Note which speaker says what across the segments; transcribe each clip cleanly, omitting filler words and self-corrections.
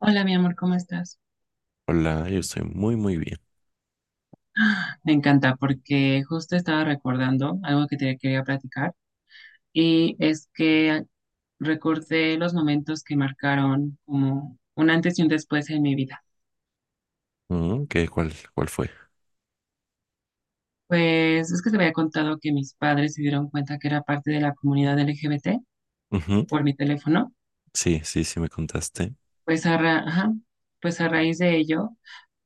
Speaker 1: Hola, mi amor, ¿cómo estás?
Speaker 2: Hola, yo estoy muy, muy bien.
Speaker 1: Me encanta porque justo estaba recordando algo que te quería platicar y es que recordé los momentos que marcaron como un antes y un después en mi vida.
Speaker 2: Ujú. ¿Qué, cuál fue?
Speaker 1: Pues es que te había contado que mis padres se dieron cuenta que era parte de la comunidad LGBT
Speaker 2: Ujú.
Speaker 1: por mi teléfono.
Speaker 2: Sí, sí, sí, me contaste.
Speaker 1: Ajá, pues a raíz de ello,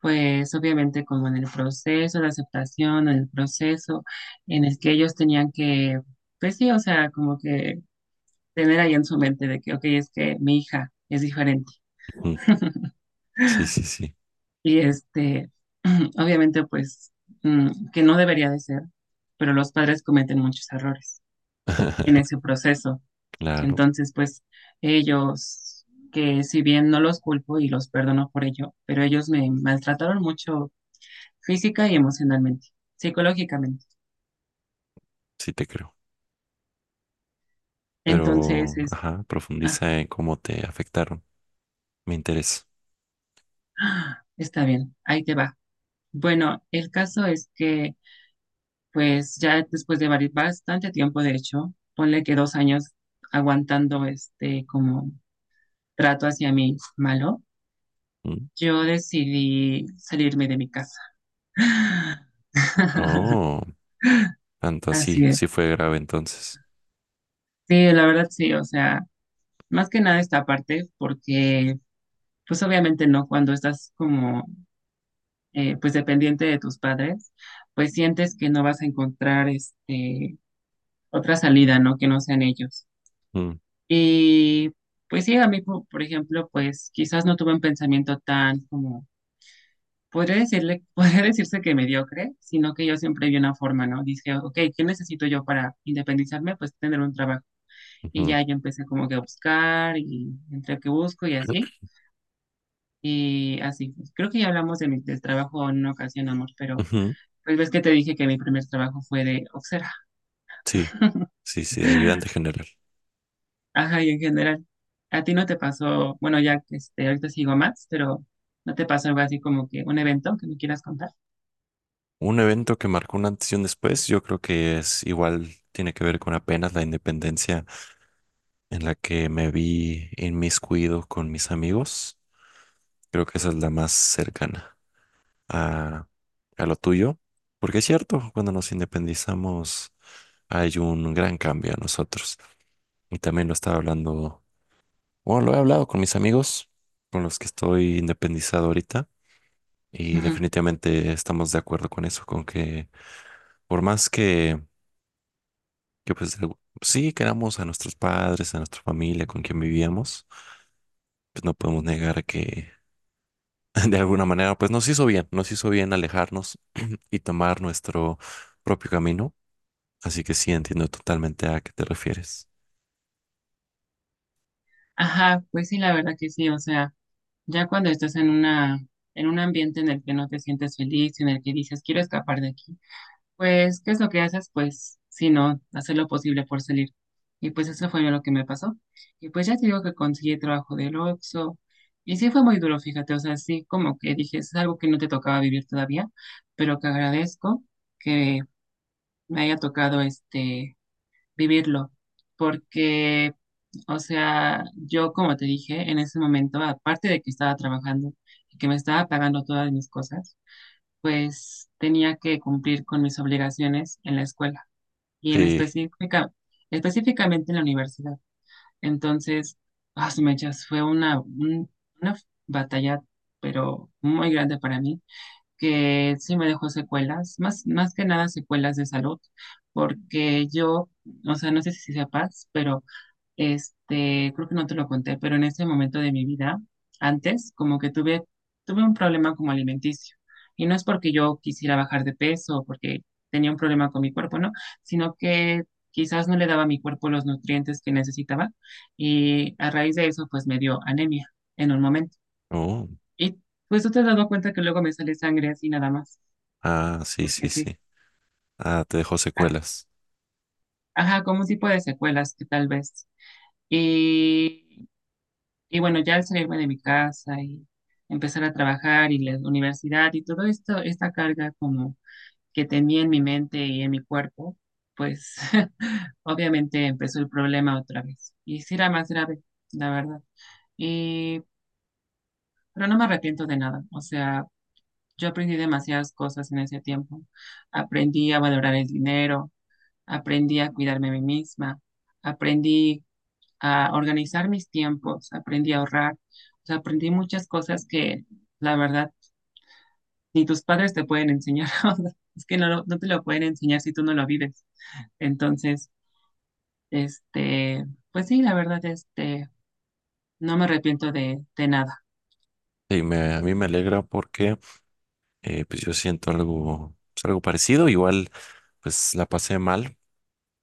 Speaker 1: pues obviamente como en el proceso de aceptación, en el proceso en el que ellos tenían que, pues sí, o sea, como que tener ahí en su mente de que, ok, es que mi hija es diferente
Speaker 2: Ujú. Sí, sí, sí.
Speaker 1: y obviamente pues que no debería de ser, pero los padres cometen muchos errores en ese proceso.
Speaker 2: Claro,
Speaker 1: Entonces, pues ellos, que si bien no los culpo y los perdono por ello, pero ellos me maltrataron mucho física y emocionalmente, psicológicamente.
Speaker 2: sí te creo.
Speaker 1: Entonces,
Speaker 2: Pero,
Speaker 1: es,
Speaker 2: ajá,
Speaker 1: ah,
Speaker 2: profundiza en cómo te afectaron. Me interesa.
Speaker 1: ah, está bien, ahí te va. Bueno, el caso es que pues ya después de bastante tiempo, de hecho, ponle que 2 años aguantando este como trato hacia mí malo,
Speaker 2: Mm.
Speaker 1: yo decidí salirme de mi casa.
Speaker 2: Oh, tanto así.
Speaker 1: Así es.
Speaker 2: Sí fue grave entonces.
Speaker 1: Sí, la verdad sí, o sea, más que nada esta parte, porque pues obviamente no, cuando estás como pues dependiente de tus padres, pues sientes que no vas a encontrar este otra salida, ¿no? Que no sean ellos.
Speaker 2: Mm,
Speaker 1: Y pues sí, a mí, por ejemplo, pues quizás no tuve un pensamiento tan como, podría decirle, podría decirse que mediocre, sino que yo siempre vi una forma, ¿no? Dije, ok, ¿qué necesito yo para independizarme? Pues tener un trabajo. Y
Speaker 2: ujú,
Speaker 1: ya yo empecé como que a buscar y entre que busco y así. Y así, pues, creo que ya hablamos de del trabajo en una ocasión, amor, pero
Speaker 2: ujú.
Speaker 1: pues ves que te dije que mi primer trabajo fue de oxera.
Speaker 2: Sí, sí, sí, de ayudante general.
Speaker 1: Ajá, y en general, ¿a ti no te pasó, bueno, ya este, ahorita sigo más, pero no te pasó algo así como que un evento que me quieras contar?
Speaker 2: Un evento que marcó un antes y un después, yo creo que es igual, tiene que ver con apenas la independencia en la que me vi inmiscuido con mis amigos. Creo que esa es la más cercana a, a lo tuyo, porque es cierto, cuando nos independizamos hay un gran cambio a nosotros. Y también lo estaba hablando, bueno, lo he hablado con mis amigos, con los que estoy independizado ahorita, y
Speaker 1: Ujú.
Speaker 2: definitivamente estamos de acuerdo con eso, con que por más que pues de- sí queramos a nuestros padres, a nuestra familia, con quien vivíamos, pues no podemos negar que de alguna manera, pues nos hizo bien alejarnos y tomar nuestro propio camino. Así que sí, entiendo totalmente a qué te refieres.
Speaker 1: Ajá, pues sí, la verdad que sí, o sea, ya cuando estás en una, en un ambiente en el que no te sientes feliz, en el que dices, quiero escapar de aquí, pues, ¿qué es lo que haces? Pues, si no, hacer lo posible por salir. Y pues eso fue lo que me pasó. Y pues ya te digo que conseguí trabajo del Oxxo. Y sí fue muy duro, fíjate. O sea, sí, como que dije, es algo que no te tocaba vivir todavía, pero que agradezco que me haya tocado este vivirlo. Porque, o sea, yo como te dije, en ese momento, aparte de que estaba trabajando y que me estaba pagando todas mis cosas, pues tenía que cumplir con mis obligaciones en la escuela y
Speaker 2: Sí,
Speaker 1: específicamente en la universidad. Entonces, ah, su mechas, fue una batalla, pero muy grande para mí, que sí me dejó secuelas, más que nada secuelas de salud, porque yo, o sea, no sé si sepas, pero este, creo que no te lo conté, pero en ese momento de mi vida, antes, como que tuve un problema como alimenticio. Y no es porque yo quisiera bajar de peso o porque tenía un problema con mi cuerpo, ¿no? Sino que quizás no le daba a mi cuerpo los nutrientes que necesitaba. Y a raíz de eso, pues me dio anemia en un momento.
Speaker 2: oh,
Speaker 1: Y pues tú te has dado cuenta que luego me sale sangre así nada más,
Speaker 2: ah, sí, sí,
Speaker 1: porque sí.
Speaker 2: sí. Ah, te dejó
Speaker 1: Ah,
Speaker 2: secuelas.
Speaker 1: ajá, como un tipo de secuelas que tal vez. Y Y bueno, ya al salirme de mi casa y empezar a trabajar y la universidad y todo esto, esta carga como que tenía en mi mente y en mi cuerpo, pues obviamente empezó el problema otra vez. Y sí era más grave, la verdad. Y pero no me arrepiento de nada. O sea, yo aprendí demasiadas cosas en ese tiempo. Aprendí a valorar el dinero, aprendí a cuidarme a mí misma, aprendí a organizar mis tiempos, aprendí a ahorrar, o sea, aprendí muchas cosas que la verdad ni tus padres te pueden enseñar, o sea, es que no, no te lo pueden enseñar si tú no lo vives. Entonces, este, pues sí, la verdad, este, no me arrepiento de nada.
Speaker 2: Sí, me, a mí me alegra porque pues yo siento algo, pues, algo parecido. Igual, pues la pasé mal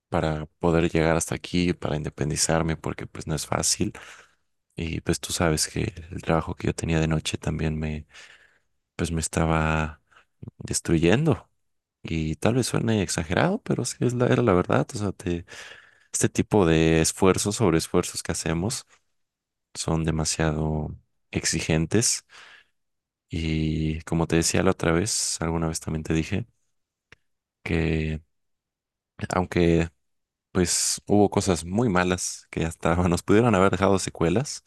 Speaker 2: para poder llegar hasta aquí, para independizarme, porque pues no es fácil. Y pues tú sabes que el trabajo que yo tenía de noche también me, pues me estaba destruyendo. Y tal vez suene exagerado, pero sí es la, era la verdad. O sea, te- este tipo de esfuerzos sobre esfuerzos que hacemos son demasiado exigentes. Y como te decía la otra vez, alguna vez también te dije que aunque pues hubo cosas muy malas que hasta nos pudieron haber dejado secuelas,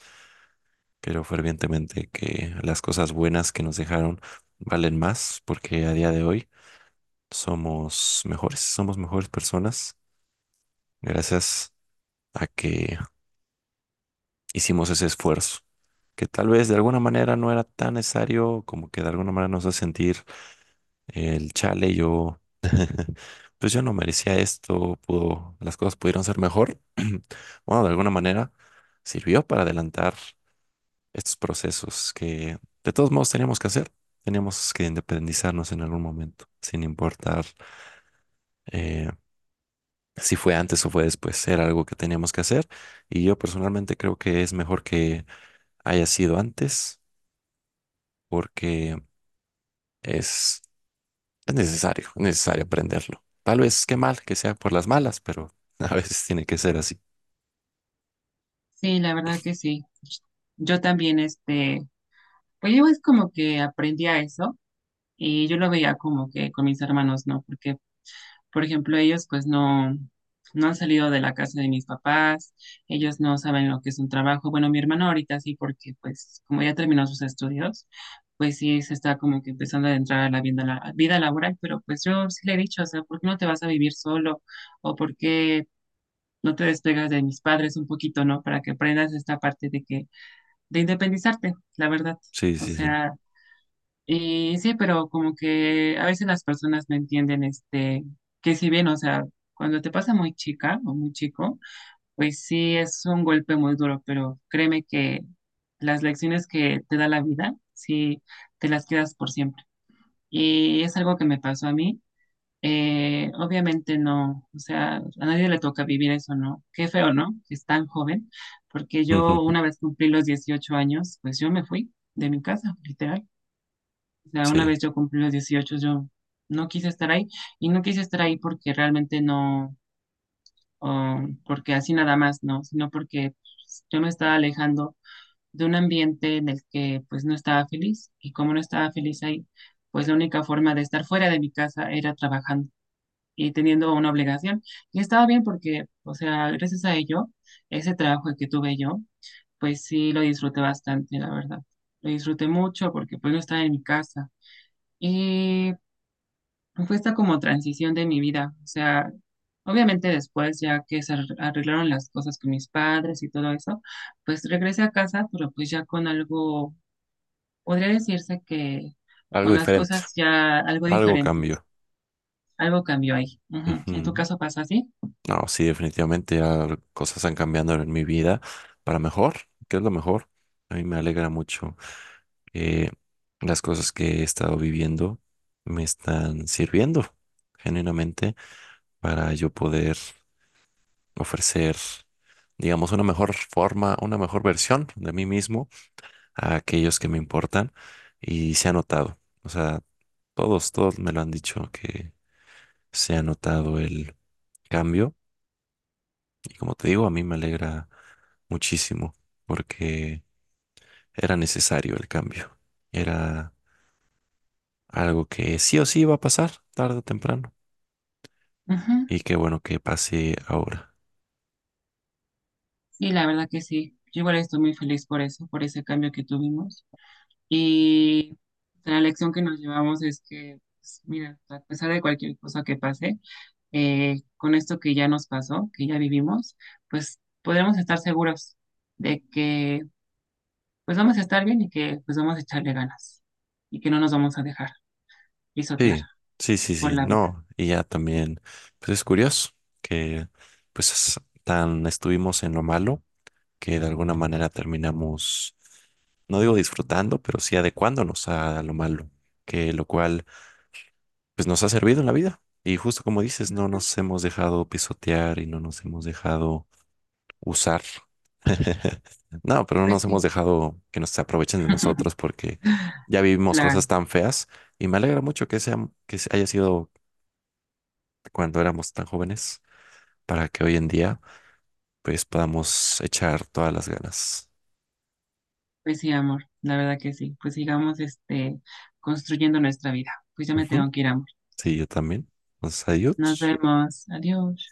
Speaker 2: creo fervientemente que las cosas buenas que nos dejaron valen más porque a día de hoy somos mejores personas gracias a que hicimos ese esfuerzo, que tal vez de alguna manera no era tan necesario, como que de alguna manera nos hace sentir el chale, yo, pues yo no merecía esto, pudo, las cosas pudieron ser mejor. Bueno, de alguna manera sirvió para adelantar estos procesos que de todos modos teníamos que hacer. Teníamos que independizarnos en algún momento, sin importar eh, si fue antes o fue después. Era algo que teníamos que hacer y yo personalmente creo que es mejor que haya sido antes porque es, es necesario aprenderlo. Tal vez qué mal que sea por las malas, pero a veces tiene que ser así.
Speaker 1: Sí, la verdad que sí. Yo también, este, pues yo es como que aprendí a eso y yo lo veía como que con mis hermanos, ¿no? Porque por ejemplo, ellos pues no, no han salido de la casa de mis papás, ellos no saben lo que es un trabajo. Bueno, mi hermano ahorita sí, porque pues como ya terminó sus estudios, pues sí se está como que empezando a entrar a la vida laboral, pero pues yo sí le he dicho, o sea, ¿por qué no te vas a vivir solo? ¿O por qué no te despegas de mis padres un poquito, ¿no? Para que aprendas esta parte de independizarte, la verdad.
Speaker 2: Sí,
Speaker 1: O
Speaker 2: sí, sí.
Speaker 1: sea, y sí, pero como que a veces las personas no entienden este, que si bien, o sea, cuando te pasa muy chica o muy chico, pues sí es un golpe muy duro, pero créeme que las lecciones que te da la vida, sí te las quedas por siempre. Y es algo que me pasó a mí. Obviamente no, o sea, a nadie le toca vivir eso, ¿no? Qué feo, ¿no? Que es tan joven, porque
Speaker 2: Ujú.
Speaker 1: yo una vez cumplí los 18 años, pues yo me fui de mi casa, literal. O sea, una
Speaker 2: Sí,
Speaker 1: vez yo cumplí los 18 yo no quise estar ahí y no quise estar ahí porque realmente no, o porque así nada más, no, sino porque pues, yo me estaba alejando de un ambiente en el que pues no estaba feliz y como no estaba feliz ahí, pues la única forma de estar fuera de mi casa era trabajando y teniendo una obligación. Y estaba bien porque, o sea, gracias a ello, ese trabajo que tuve yo, pues sí lo disfruté bastante, la verdad. Lo disfruté mucho porque pues no estaba en mi casa. Y fue esta como transición de mi vida. O sea, obviamente después, ya que se arreglaron las cosas con mis padres y todo eso, pues regresé a casa, pero pues ya con algo, podría decirse que
Speaker 2: algo
Speaker 1: con las
Speaker 2: diferente,
Speaker 1: cosas ya algo
Speaker 2: algo
Speaker 1: diferentes.
Speaker 2: cambió.
Speaker 1: Algo cambió ahí. Ujú. ¿En tu
Speaker 2: Ujú.
Speaker 1: caso pasó así?
Speaker 2: No, sí, definitivamente ya cosas han cambiando en mi vida para mejor, que es lo mejor. A mí me alegra mucho que las cosas que he estado viviendo me están sirviendo genuinamente para yo poder ofrecer, digamos, una mejor forma, una mejor versión de mí mismo a aquellos que me importan y se ha notado. O sea, todos, todos me lo han dicho que se ha notado el cambio y como te digo, a mí me alegra muchísimo porque era necesario el cambio. Era algo que sí o sí iba a pasar tarde o temprano
Speaker 1: Ujú.
Speaker 2: y qué bueno que pase ahora.
Speaker 1: Sí, la verdad que sí. Yo igual estoy muy feliz por eso, por ese cambio que tuvimos. Y la lección que nos llevamos es que, pues, mira, a pesar de cualquier cosa que pase, con esto que ya nos pasó, que ya vivimos, pues podremos estar seguros de que pues vamos a estar bien y que pues vamos a echarle ganas y que no nos vamos a dejar pisotear
Speaker 2: Sí, sí, sí,
Speaker 1: por
Speaker 2: sí,
Speaker 1: la vida.
Speaker 2: no, y ya también, pues es curioso que pues es- tan estuvimos en lo malo que de alguna manera terminamos, no digo disfrutando, pero sí adecuándonos a lo malo, que lo cual pues nos ha servido en la vida. Y justo como dices, no nos hemos dejado pisotear y no nos hemos dejado usar, no, pero no
Speaker 1: Pues
Speaker 2: nos hemos
Speaker 1: sí,
Speaker 2: dejado que nos aprovechen de nosotros porque ya vivimos
Speaker 1: claro,
Speaker 2: cosas tan feas y me alegra mucho que sea, que haya sido cuando éramos tan jóvenes para que hoy en día pues podamos echar todas las ganas.
Speaker 1: pues sí, amor, la verdad que sí. Pues sigamos este construyendo nuestra vida. Pues ya me
Speaker 2: Ujú.
Speaker 1: tengo que ir, amor.
Speaker 2: Sí, yo también. Entonces,
Speaker 1: Nos
Speaker 2: adiós.
Speaker 1: vemos. Adiós.